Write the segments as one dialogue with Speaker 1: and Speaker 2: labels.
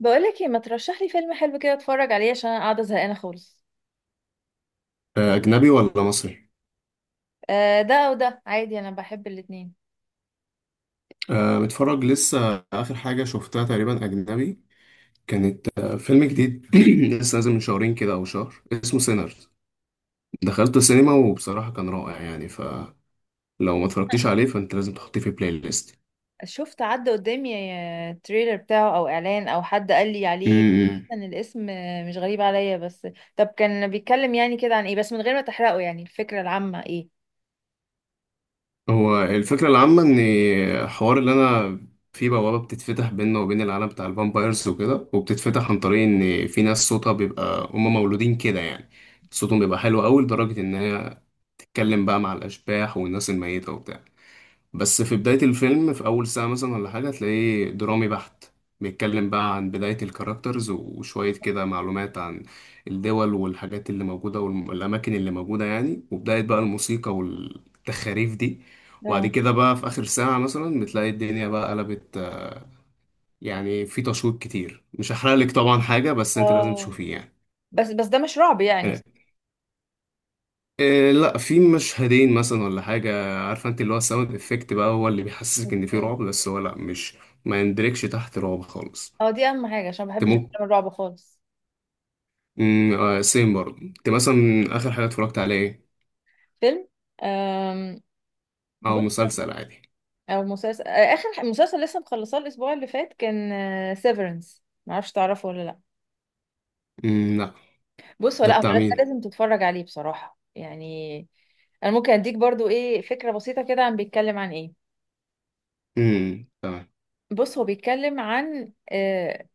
Speaker 1: بقولك ايه ما ترشح لي فيلم حلو كده اتفرج عليه عشان انا قاعده زهقانه خالص.
Speaker 2: أجنبي ولا مصري؟
Speaker 1: آه، ده او ده عادي، انا بحب الاتنين.
Speaker 2: متفرج لسه آخر حاجة شفتها تقريبا أجنبي، كانت فيلم جديد لسه نازل من شهرين كده أو شهر، اسمه سينرز. دخلت السينما وبصراحة كان رائع، يعني فلو ما اتفرجتيش عليه فأنت لازم تحطيه في بلاي ليست.
Speaker 1: شفت عدى قدامي تريلر بتاعه او اعلان او حد قال لي عليه،
Speaker 2: أمم.
Speaker 1: ان الاسم مش غريب عليا، بس طب كان بيتكلم يعني كده عن ايه؟ بس من غير ما تحرقه، يعني الفكره العامه ايه؟
Speaker 2: هو الفكرة العامة إن الحوار اللي أنا، في بوابة بتتفتح بيننا وبين العالم بتاع الفامبايرز وكده، وبتتفتح عن طريق إن في ناس صوتها بيبقى، هما مولودين كده يعني، صوتهم بيبقى حلو أوي لدرجة إن هي اتكلم بقى مع الاشباح والناس الميته وبتاع. بس في بدايه الفيلم، في اول ساعه مثلا ولا حاجه، تلاقيه درامي بحت، بيتكلم بقى عن بدايه الكاركترز وشويه كده معلومات عن الدول والحاجات اللي موجوده والاماكن اللي موجوده يعني، وبدايه بقى الموسيقى والتخاريف دي. وبعد
Speaker 1: اه،
Speaker 2: كده بقى في اخر ساعه مثلا بتلاقي الدنيا بقى قلبت. يعني في تشويق كتير، مش هحرق لك طبعا حاجه، بس انت لازم
Speaker 1: اه.
Speaker 2: تشوفيه يعني.
Speaker 1: بس ده مش رعب يعني؟
Speaker 2: آه. إيه، لا، في مشهدين مثلا ولا حاجة، عارفة انت اللي هو الساوند افكت بقى هو اللي بيحسسك ان في
Speaker 1: اوكي.
Speaker 2: رعب، بس هو لا، مش ما يندركش تحت رعب خالص.
Speaker 1: اه، دي اهم حاجه عشان ما
Speaker 2: انت
Speaker 1: بحبش
Speaker 2: ممكن،
Speaker 1: افلام الرعب خالص.
Speaker 2: سيم برضه. انت مثلا اخر حاجة اتفرجت على ايه،
Speaker 1: فيلم، آم،
Speaker 2: او
Speaker 1: بص،
Speaker 2: مسلسل عادي؟
Speaker 1: او مسلسل، اخر مسلسل لسه مخلصاه الاسبوع اللي فات كان سيفرنس، معرفش تعرفه ولا لا.
Speaker 2: مم، لا.
Speaker 1: بص،
Speaker 2: ده
Speaker 1: ولا هو
Speaker 2: بتاع
Speaker 1: ده
Speaker 2: مين؟
Speaker 1: لازم تتفرج عليه بصراحة يعني. انا ممكن اديك برضو ايه فكرة بسيطة كده عن بيتكلم عن ايه.
Speaker 2: مم، تمام.
Speaker 1: بص، هو بيتكلم عن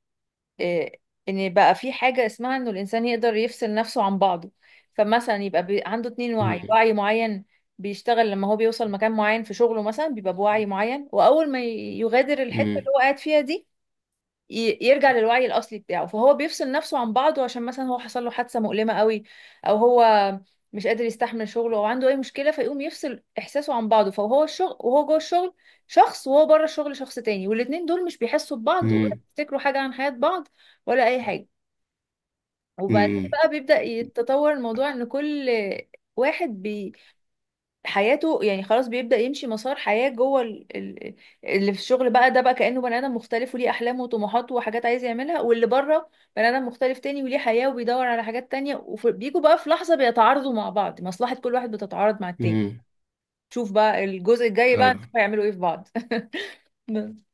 Speaker 1: آه ان بقى في حاجة اسمها انه الانسان يقدر يفصل نفسه عن بعضه. فمثلا يبقى عنده اتنين وعي،
Speaker 2: مم.
Speaker 1: وعي معين بيشتغل لما هو بيوصل مكان معين في شغله، مثلا بيبقى بوعي معين، واول ما يغادر الحتة
Speaker 2: مم.
Speaker 1: اللي هو قاعد فيها دي يرجع للوعي الاصلي بتاعه. فهو بيفصل نفسه عن بعضه عشان مثلا هو حصل له حادثه مؤلمه قوي، او هو مش قادر يستحمل شغله، او عنده اي مشكله، فيقوم يفصل احساسه عن بعضه. فهو الشغل وهو جوه الشغل شخص، وهو بره الشغل شخص تاني، والاتنين دول مش بيحسوا ببعض ولا
Speaker 2: مم.
Speaker 1: بيفتكروا حاجه عن حياه بعض ولا اي حاجه. وبعدين
Speaker 2: مم.
Speaker 1: بقى بيبدا يتطور الموضوع ان كل واحد حياته يعني خلاص بيبدأ يمشي مسار حياة جوه اللي في الشغل بقى ده بقى كأنه بني آدم مختلف وليه أحلام وطموحات وحاجات عايز يعملها، واللي بره بني آدم مختلف تاني وليه حياة وبيدور على حاجات تانية. وبيجوا بقى في لحظة بيتعارضوا مع بعض، مصلحة كل واحد بتتعارض مع التاني.
Speaker 2: مم.
Speaker 1: شوف بقى الجزء الجاي بقى
Speaker 2: ايوه،
Speaker 1: نشوف هيعملوا ايه في بعض. بس.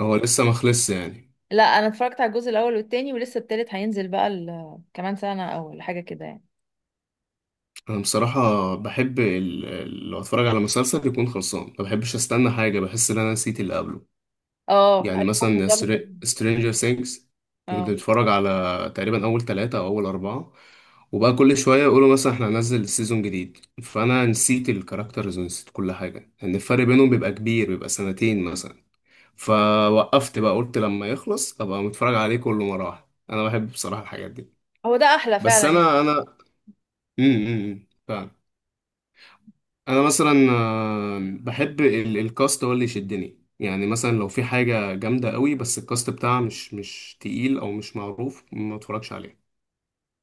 Speaker 2: هو لسه ما خلصش يعني؟
Speaker 1: لا، انا اتفرجت على الجزء الاول والتاني، ولسه التالت هينزل بقى كمان سنة او حاجة كده يعني.
Speaker 2: انا بصراحة بحب لو اتفرج على مسلسل يكون خلصان، ما بحبش استنى حاجة، بحس ان انا نسيت اللي قبله.
Speaker 1: اه،
Speaker 2: يعني
Speaker 1: ايوه،
Speaker 2: مثلا
Speaker 1: الموضوع مختلف.
Speaker 2: سترينجر ثينجز، كنت
Speaker 1: اه،
Speaker 2: بتفرج على تقريبا أول ثلاثة أو أول أربعة، وبقى كل شوية يقولوا مثلا احنا هننزل سيزون جديد، فأنا نسيت الكاركترز ونسيت كل حاجة لأن الفرق بينهم بيبقى كبير، بيبقى سنتين مثلا. فوقفت بقى، قلت لما يخلص أبقى متفرج عليه كله مرة واحدة. أنا بحب بصراحة الحاجات دي.
Speaker 1: هو ده احلى
Speaker 2: بس
Speaker 1: فعلا يعني.
Speaker 2: أنا، امم، انا مثلا بحب الكاست هو اللي يشدني، يعني مثلا لو في حاجه جامده قوي بس الكاست بتاعها مش تقيل او مش معروف، ما اتفرجش عليه.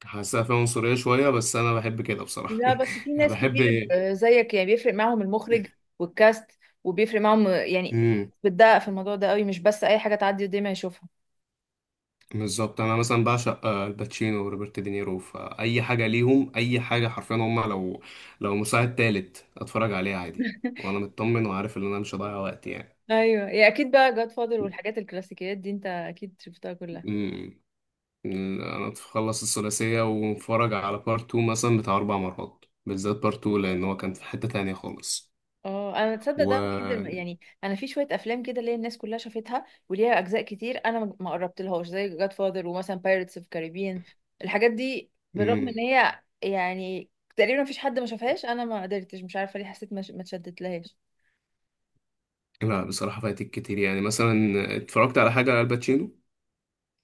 Speaker 2: حاسسها فيها عنصريه شويه بس انا بحب كده بصراحه.
Speaker 1: لا بس في
Speaker 2: يعني
Speaker 1: ناس
Speaker 2: بحب.
Speaker 1: كتير زيك يعني بيفرق معاهم المخرج والكاست، وبيفرق معاهم يعني
Speaker 2: امم.
Speaker 1: بتدقق في الموضوع ده قوي، مش بس اي حاجه تعدي قدامي اشوفها.
Speaker 2: بالظبط، انا مثلا بعشق الباتشينو وروبرت دينيرو، فاي حاجه ليهم، اي حاجه حرفيا هم، لو مساعد تالت اتفرج عليها عادي، وانا مطمن وعارف ان انا مش هضيع وقت يعني.
Speaker 1: ايوه، يا اكيد بقى، جاد فاضل والحاجات الكلاسيكيات دي انت اكيد شفتها كلها.
Speaker 2: امم. انا تخلص الثلاثيه واتفرج على بارت 2 مثلا بتاع اربع مرات، بالذات بارت 2، لان هو كان في حته تانية خالص،
Speaker 1: اه، انا تصدق
Speaker 2: و،
Speaker 1: ده الوحيد يعني انا في شويه افلام كده اللي هي الناس كلها شافتها وليها اجزاء كتير، انا ما قربتلهاش، زي جاد فاضل ومثلا بايرتس اوف كاريبيان، الحاجات دي، بالرغم ان
Speaker 2: مم.
Speaker 1: هي يعني تقريبا مفيش حد ما شافهاش، انا ما قدرتش، مش عارفه ليه حسيت ما اتشدت لهاش.
Speaker 2: لا بصراحه فايتك كتير، يعني مثلا اتفرجت على حاجه لالباتشينو.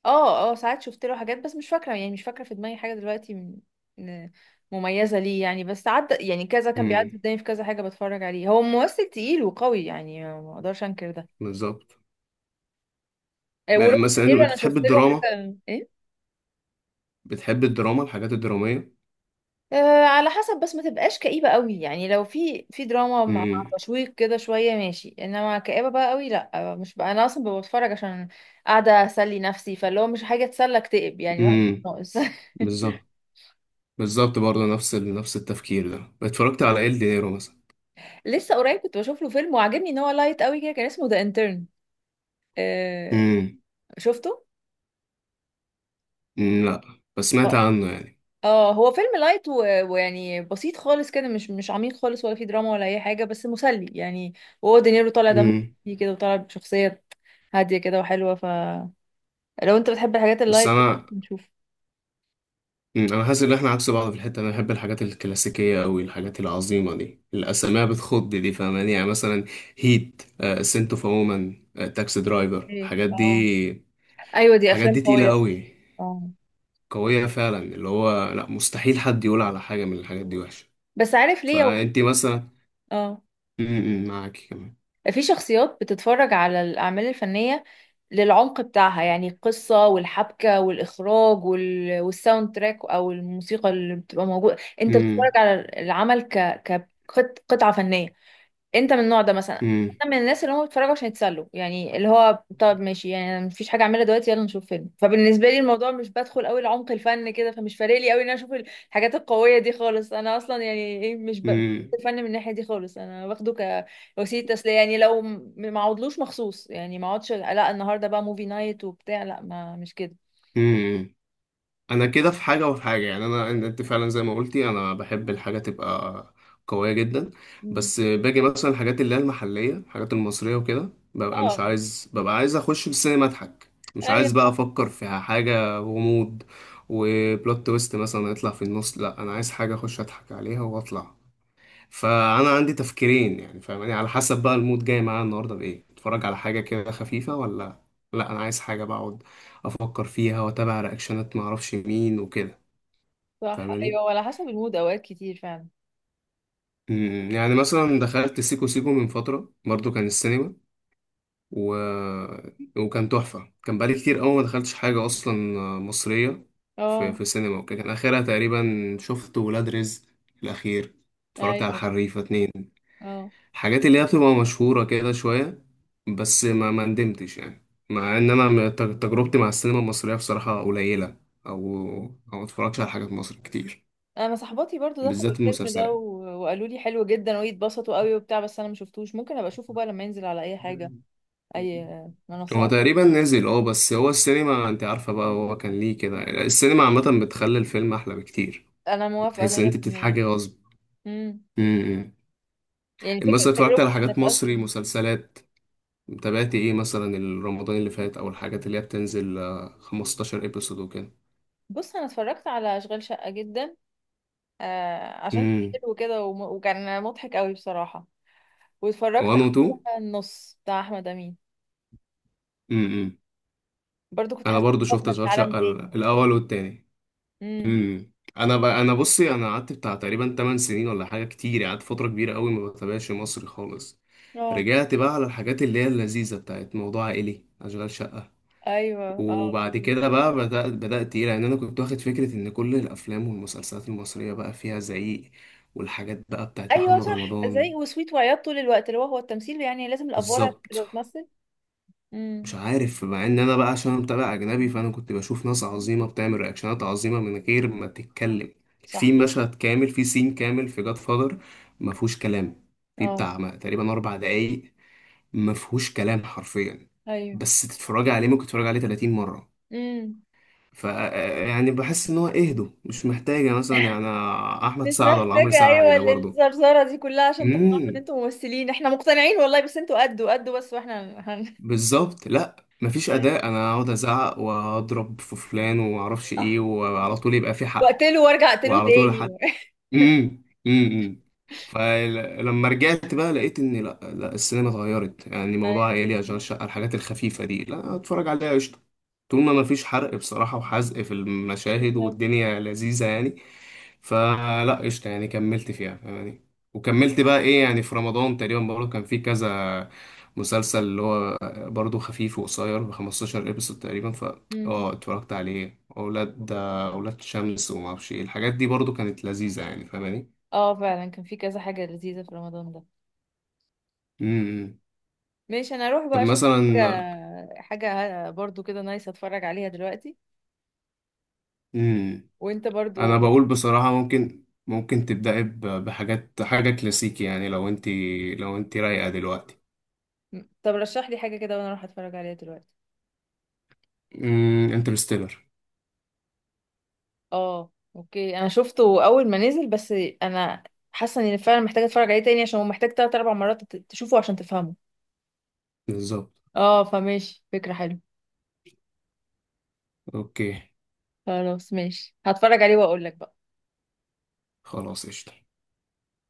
Speaker 1: اه، اه. ساعات شفت له حاجات بس مش فاكرة يعني، مش فاكرة في دماغي حاجة دلوقتي م- مميزة ليه يعني، بس عدى يعني، كذا كان
Speaker 2: امم،
Speaker 1: بيعدي قدامي في كذا حاجة بتفرج عليه، هو ممثل تقيل وقوي يعني، ما اقدرش انكر ده.
Speaker 2: بالظبط.
Speaker 1: وروبرت
Speaker 2: مثلا
Speaker 1: دينيرو
Speaker 2: انت
Speaker 1: انا
Speaker 2: بتحب
Speaker 1: شفت له
Speaker 2: الدراما؟
Speaker 1: حاجة ايه.
Speaker 2: بتحب الدراما، الحاجات الدراميه؟
Speaker 1: على حسب، بس ما تبقاش كئيبة قوي يعني، لو في دراما مع
Speaker 2: امم،
Speaker 1: تشويق كده شوية ماشي، انما كئيبة بقى قوي لا، مش بقى، انا اصلا ببقى بتفرج عشان قاعدة اسلي نفسي، فاللي هو مش حاجة تسلى اكتئب يعني، الواحد
Speaker 2: امم،
Speaker 1: ناقص.
Speaker 2: بالظبط. بالظبط، برضه نفس نفس التفكير ده، اتفرجت على ال دينيرو مثلا.
Speaker 1: لسه قريب كنت بشوف له فيلم وعجبني ان هو لايت قوي كده، كان اسمه ذا انترن. آه
Speaker 2: امم.
Speaker 1: شفته.
Speaker 2: لا، بس سمعت
Speaker 1: اه،
Speaker 2: عنه يعني.
Speaker 1: اه، هو فيلم لايت ويعني بسيط خالص كده، مش عميق خالص، ولا فيه دراما ولا اي حاجه، بس مسلي يعني. وهو دينيرو طالع دمه
Speaker 2: امم.
Speaker 1: خفيف كده، وطالع بشخصيه هاديه كده وحلوه. فلو انت بتحب الحاجات
Speaker 2: بس
Speaker 1: اللايت كده
Speaker 2: انا،
Speaker 1: ممكن نشوف.
Speaker 2: انا حاسس ان احنا عكس بعض في الحته، انا بحب الحاجات الكلاسيكيه قوي، الحاجات العظيمه دي، الاسماء بتخض دي، فاهماني؟ يعني مثلا هيت، سنت اوف وومن، تاكسي درايفر،
Speaker 1: ايه،
Speaker 2: الحاجات
Speaker 1: اه
Speaker 2: دي.
Speaker 1: ايوه، دي
Speaker 2: الحاجات دي
Speaker 1: افلام
Speaker 2: تقيله
Speaker 1: قويه.
Speaker 2: قوي،
Speaker 1: اه،
Speaker 2: قويه فعلا، اللي هو لا مستحيل حد يقول على حاجه من الحاجات دي وحشه.
Speaker 1: بس عارف ليه هو؟
Speaker 2: فانت مثلا،
Speaker 1: اه،
Speaker 2: امم، معاكي كمان.
Speaker 1: في شخصيات بتتفرج على الأعمال الفنية للعمق بتاعها، يعني القصة والحبكة والإخراج والساوند تراك أو الموسيقى اللي بتبقى موجودة، أنت بتتفرج
Speaker 2: امم.
Speaker 1: على العمل كقطعة فنية. انت من النوع ده مثلا؟ انا من الناس اللي هم بيتفرجوا عشان يتسلوا يعني، اللي هو طب ماشي يعني، أنا مفيش حاجه اعملها دلوقتي، يلا نشوف فيلم. فبالنسبه لي الموضوع مش بدخل قوي لعمق الفن كده، فمش فارق لي قوي ان انا اشوف الحاجات القويه دي خالص. انا اصلا يعني ايه، مش
Speaker 2: امم.
Speaker 1: الفن من الناحيه دي خالص، انا باخده كوسيله تسليه يعني. لو ما اقعدلوش مخصوص يعني، ما اقعدش لا النهارده بقى موفي نايت وبتاع، لا ما مش كده.
Speaker 2: انا كده في حاجه وفي حاجه، يعني انا، انت فعلا زي ما قلتي، انا بحب الحاجه تبقى قويه جدا.
Speaker 1: مم.
Speaker 2: بس باجي مثلا الحاجات اللي هي المحليه، الحاجات المصريه وكده، ببقى مش
Speaker 1: اه
Speaker 2: عايز، ببقى عايز اخش السينما اضحك، مش
Speaker 1: ايوه،
Speaker 2: عايز بقى
Speaker 1: صح
Speaker 2: افكر في حاجه غموض وبلوت تويست مثلا يطلع في النص، لا انا عايز حاجه اخش اضحك عليها واطلع. فانا عندي تفكيرين يعني، فاهماني؟ على حسب بقى المود جاي معايا النهارده بايه، اتفرج على حاجه كده خفيفه، ولا لا انا عايز حاجه بقعد افكر فيها واتابع رياكشنات، ما اعرفش مين وكده،
Speaker 1: صح
Speaker 2: فاهماني؟
Speaker 1: ايوه، وعلى حسب المود اوقات كتير فعلا.
Speaker 2: يعني مثلا دخلت سيكو سيكو من فتره برضو كان السينما، و، وكان تحفه، كان بقالي كتير قوي ما دخلتش حاجه اصلا مصريه في
Speaker 1: اه،
Speaker 2: في سينما وكده. كان اخرها تقريبا، شفت ولاد رزق الاخير، اتفرجت على
Speaker 1: ايوه.
Speaker 2: الحريفه اتنين،
Speaker 1: اه،
Speaker 2: حاجات اللي هي بتبقى مشهورة كده شوية. بس ما ما ندمتش يعني، مع ان انا تجربتي مع السينما المصرية بصراحة قليلة، او او ما اتفرجش على حاجات مصر كتير،
Speaker 1: انا صاحباتي برضو دخلوا
Speaker 2: بالذات
Speaker 1: الفيلم ده
Speaker 2: المسلسلات.
Speaker 1: وقالوا لي حلو جدا ويتبسطوا قوي وبتاع، بس انا ما شفتوش. ممكن ابقى اشوفه بقى لما ينزل على اي حاجه، اي
Speaker 2: هو
Speaker 1: منصه.
Speaker 2: تقريبا نزل، اه، بس هو السينما انت عارفة بقى، هو كان ليه كده، السينما عامة بتخلي الفيلم احلى بكتير،
Speaker 1: انا موافقه
Speaker 2: بتحس ان انت
Speaker 1: 100%.
Speaker 2: بتتحاجي غصب.
Speaker 1: امم.
Speaker 2: امم.
Speaker 1: يعني فكره
Speaker 2: مثلا اتفرجت
Speaker 1: تجربه
Speaker 2: على حاجات
Speaker 1: انك
Speaker 2: مصري
Speaker 1: اصلا
Speaker 2: مسلسلات، تابعت ايه مثلا؟ رمضان اللي فات، او الحاجات اللي هي بتنزل 15 ابيسود
Speaker 1: بص، انا اتفرجت على اشغال شقه جدا، عشان كان
Speaker 2: وكده،
Speaker 1: حلو كده وكان مضحك قوي بصراحه. واتفرجت
Speaker 2: 1 و 2.
Speaker 1: على النص بتاع احمد امين،
Speaker 2: امم.
Speaker 1: برضو كنت
Speaker 2: انا
Speaker 1: حاسه إني
Speaker 2: برضو شفت
Speaker 1: واخده في
Speaker 2: اشغال
Speaker 1: عالم
Speaker 2: شقه
Speaker 1: تاني.
Speaker 2: الاول والتاني.
Speaker 1: امم.
Speaker 2: امم. انا ب، انا بصي، انا قعدت بتاع تقريبا 8 سنين ولا حاجه، كتير قعدت فتره كبيره قوي ما بتابعش مصري خالص.
Speaker 1: اه
Speaker 2: رجعت بقى على الحاجات اللي هي اللذيذه بتاعت موضوع عائلي، اشغال شقه.
Speaker 1: ايوه. اه،
Speaker 2: وبعد كده بقى بدأت ايه لان انا كنت واخد فكره ان كل الافلام والمسلسلات المصريه بقى فيها زعيق، والحاجات بقى بتاعت
Speaker 1: ايوه
Speaker 2: محمد
Speaker 1: صح،
Speaker 2: رمضان.
Speaker 1: زي وسويت وعياط طول الوقت، اللي هو هو التمثيل يعني لازم الافوار عشان
Speaker 2: بالظبط.
Speaker 1: تبقى بتمثل. امم،
Speaker 2: مش عارف، مع ان انا بقى، عشان أنا متابع اجنبي، فانا كنت بشوف ناس عظيمه بتعمل رياكشنات عظيمه من غير ما تتكلم. في
Speaker 1: صح.
Speaker 2: مشهد كامل، في سين كامل في جاد فادر ما فيهوش كلام، في
Speaker 1: اه،
Speaker 2: بتاع تقريبا اربع دقايق ما فيهوش كلام حرفيا،
Speaker 1: ايوه.
Speaker 2: بس تتفرجي عليه، ممكن تتفرجي عليه 30 مره.
Speaker 1: امم،
Speaker 2: ف يعني بحس ان هو اهدوا، مش محتاجه مثلا يعني، احمد
Speaker 1: مش
Speaker 2: سعد ولا عمرو
Speaker 1: محتاجة،
Speaker 2: سعد
Speaker 1: ايوه
Speaker 2: ده برضه.
Speaker 1: الزرزرة دي كلها عشان تقنعوا ان انتوا ممثلين، احنا مقتنعين والله، بس انتوا قدوا قدوا بس، واحنا
Speaker 2: بالظبط، لا مفيش
Speaker 1: أيوة.
Speaker 2: اداء انا اقعد ازعق واضرب في فلان ومعرفش ايه،
Speaker 1: صح.
Speaker 2: وعلى طول يبقى في حق،
Speaker 1: واقتله وارجع اقتله
Speaker 2: وعلى طول. امم.
Speaker 1: تاني.
Speaker 2: امم. امم. فلما رجعت بقى لقيت ان لا، لا السينما اتغيرت، يعني موضوع
Speaker 1: ايوه،
Speaker 2: عيالي اشغال شقه الحاجات الخفيفه دي، لا اتفرج عليها قشطه، طول ما مفيش حرق بصراحه وحزق في المشاهد،
Speaker 1: بالظبط.
Speaker 2: والدنيا لذيذه يعني، فلا قشطه يعني، كملت فيها يعني. وكملت بقى ايه يعني، في رمضان تقريبا برضه كان في كذا مسلسل اللي هو برضه خفيف وقصير ب 15 ابيسود تقريبا، ف
Speaker 1: امم.
Speaker 2: اه اتفرجت عليه، اولاد شمس وما اعرفش ايه، الحاجات دي برضو كانت لذيذه يعني، فاهماني؟
Speaker 1: اه فعلا كان في كذا حاجة لذيذة في رمضان ده.
Speaker 2: امم.
Speaker 1: ماشي، انا اروح
Speaker 2: طب
Speaker 1: بقى اشوف
Speaker 2: مثلا،
Speaker 1: حاجة، حاجة برضو كده نايس اتفرج عليها دلوقتي،
Speaker 2: امم،
Speaker 1: وانت
Speaker 2: انا
Speaker 1: برضو.
Speaker 2: بقول بصراحه ممكن بحاجات، حاجه كلاسيكي، يعني لو انت، لو انت رايقه دلوقتي.
Speaker 1: طب رشح لي حاجة كده وانا اروح اتفرج عليها دلوقتي.
Speaker 2: امم، انترستيلر.
Speaker 1: اه اوكي، انا شفته اول ما نزل بس، انا حاسه اني فعلا محتاجه اتفرج عليه تاني، عشان هو محتاج تلات اربع مرات تشوفه عشان تفهمه.
Speaker 2: بالظبط.
Speaker 1: اه، فماشي، فكره حلوه.
Speaker 2: اوكي.
Speaker 1: خلاص ماشي، هتفرج عليه واقول لك بقى.
Speaker 2: خلاص قشطه.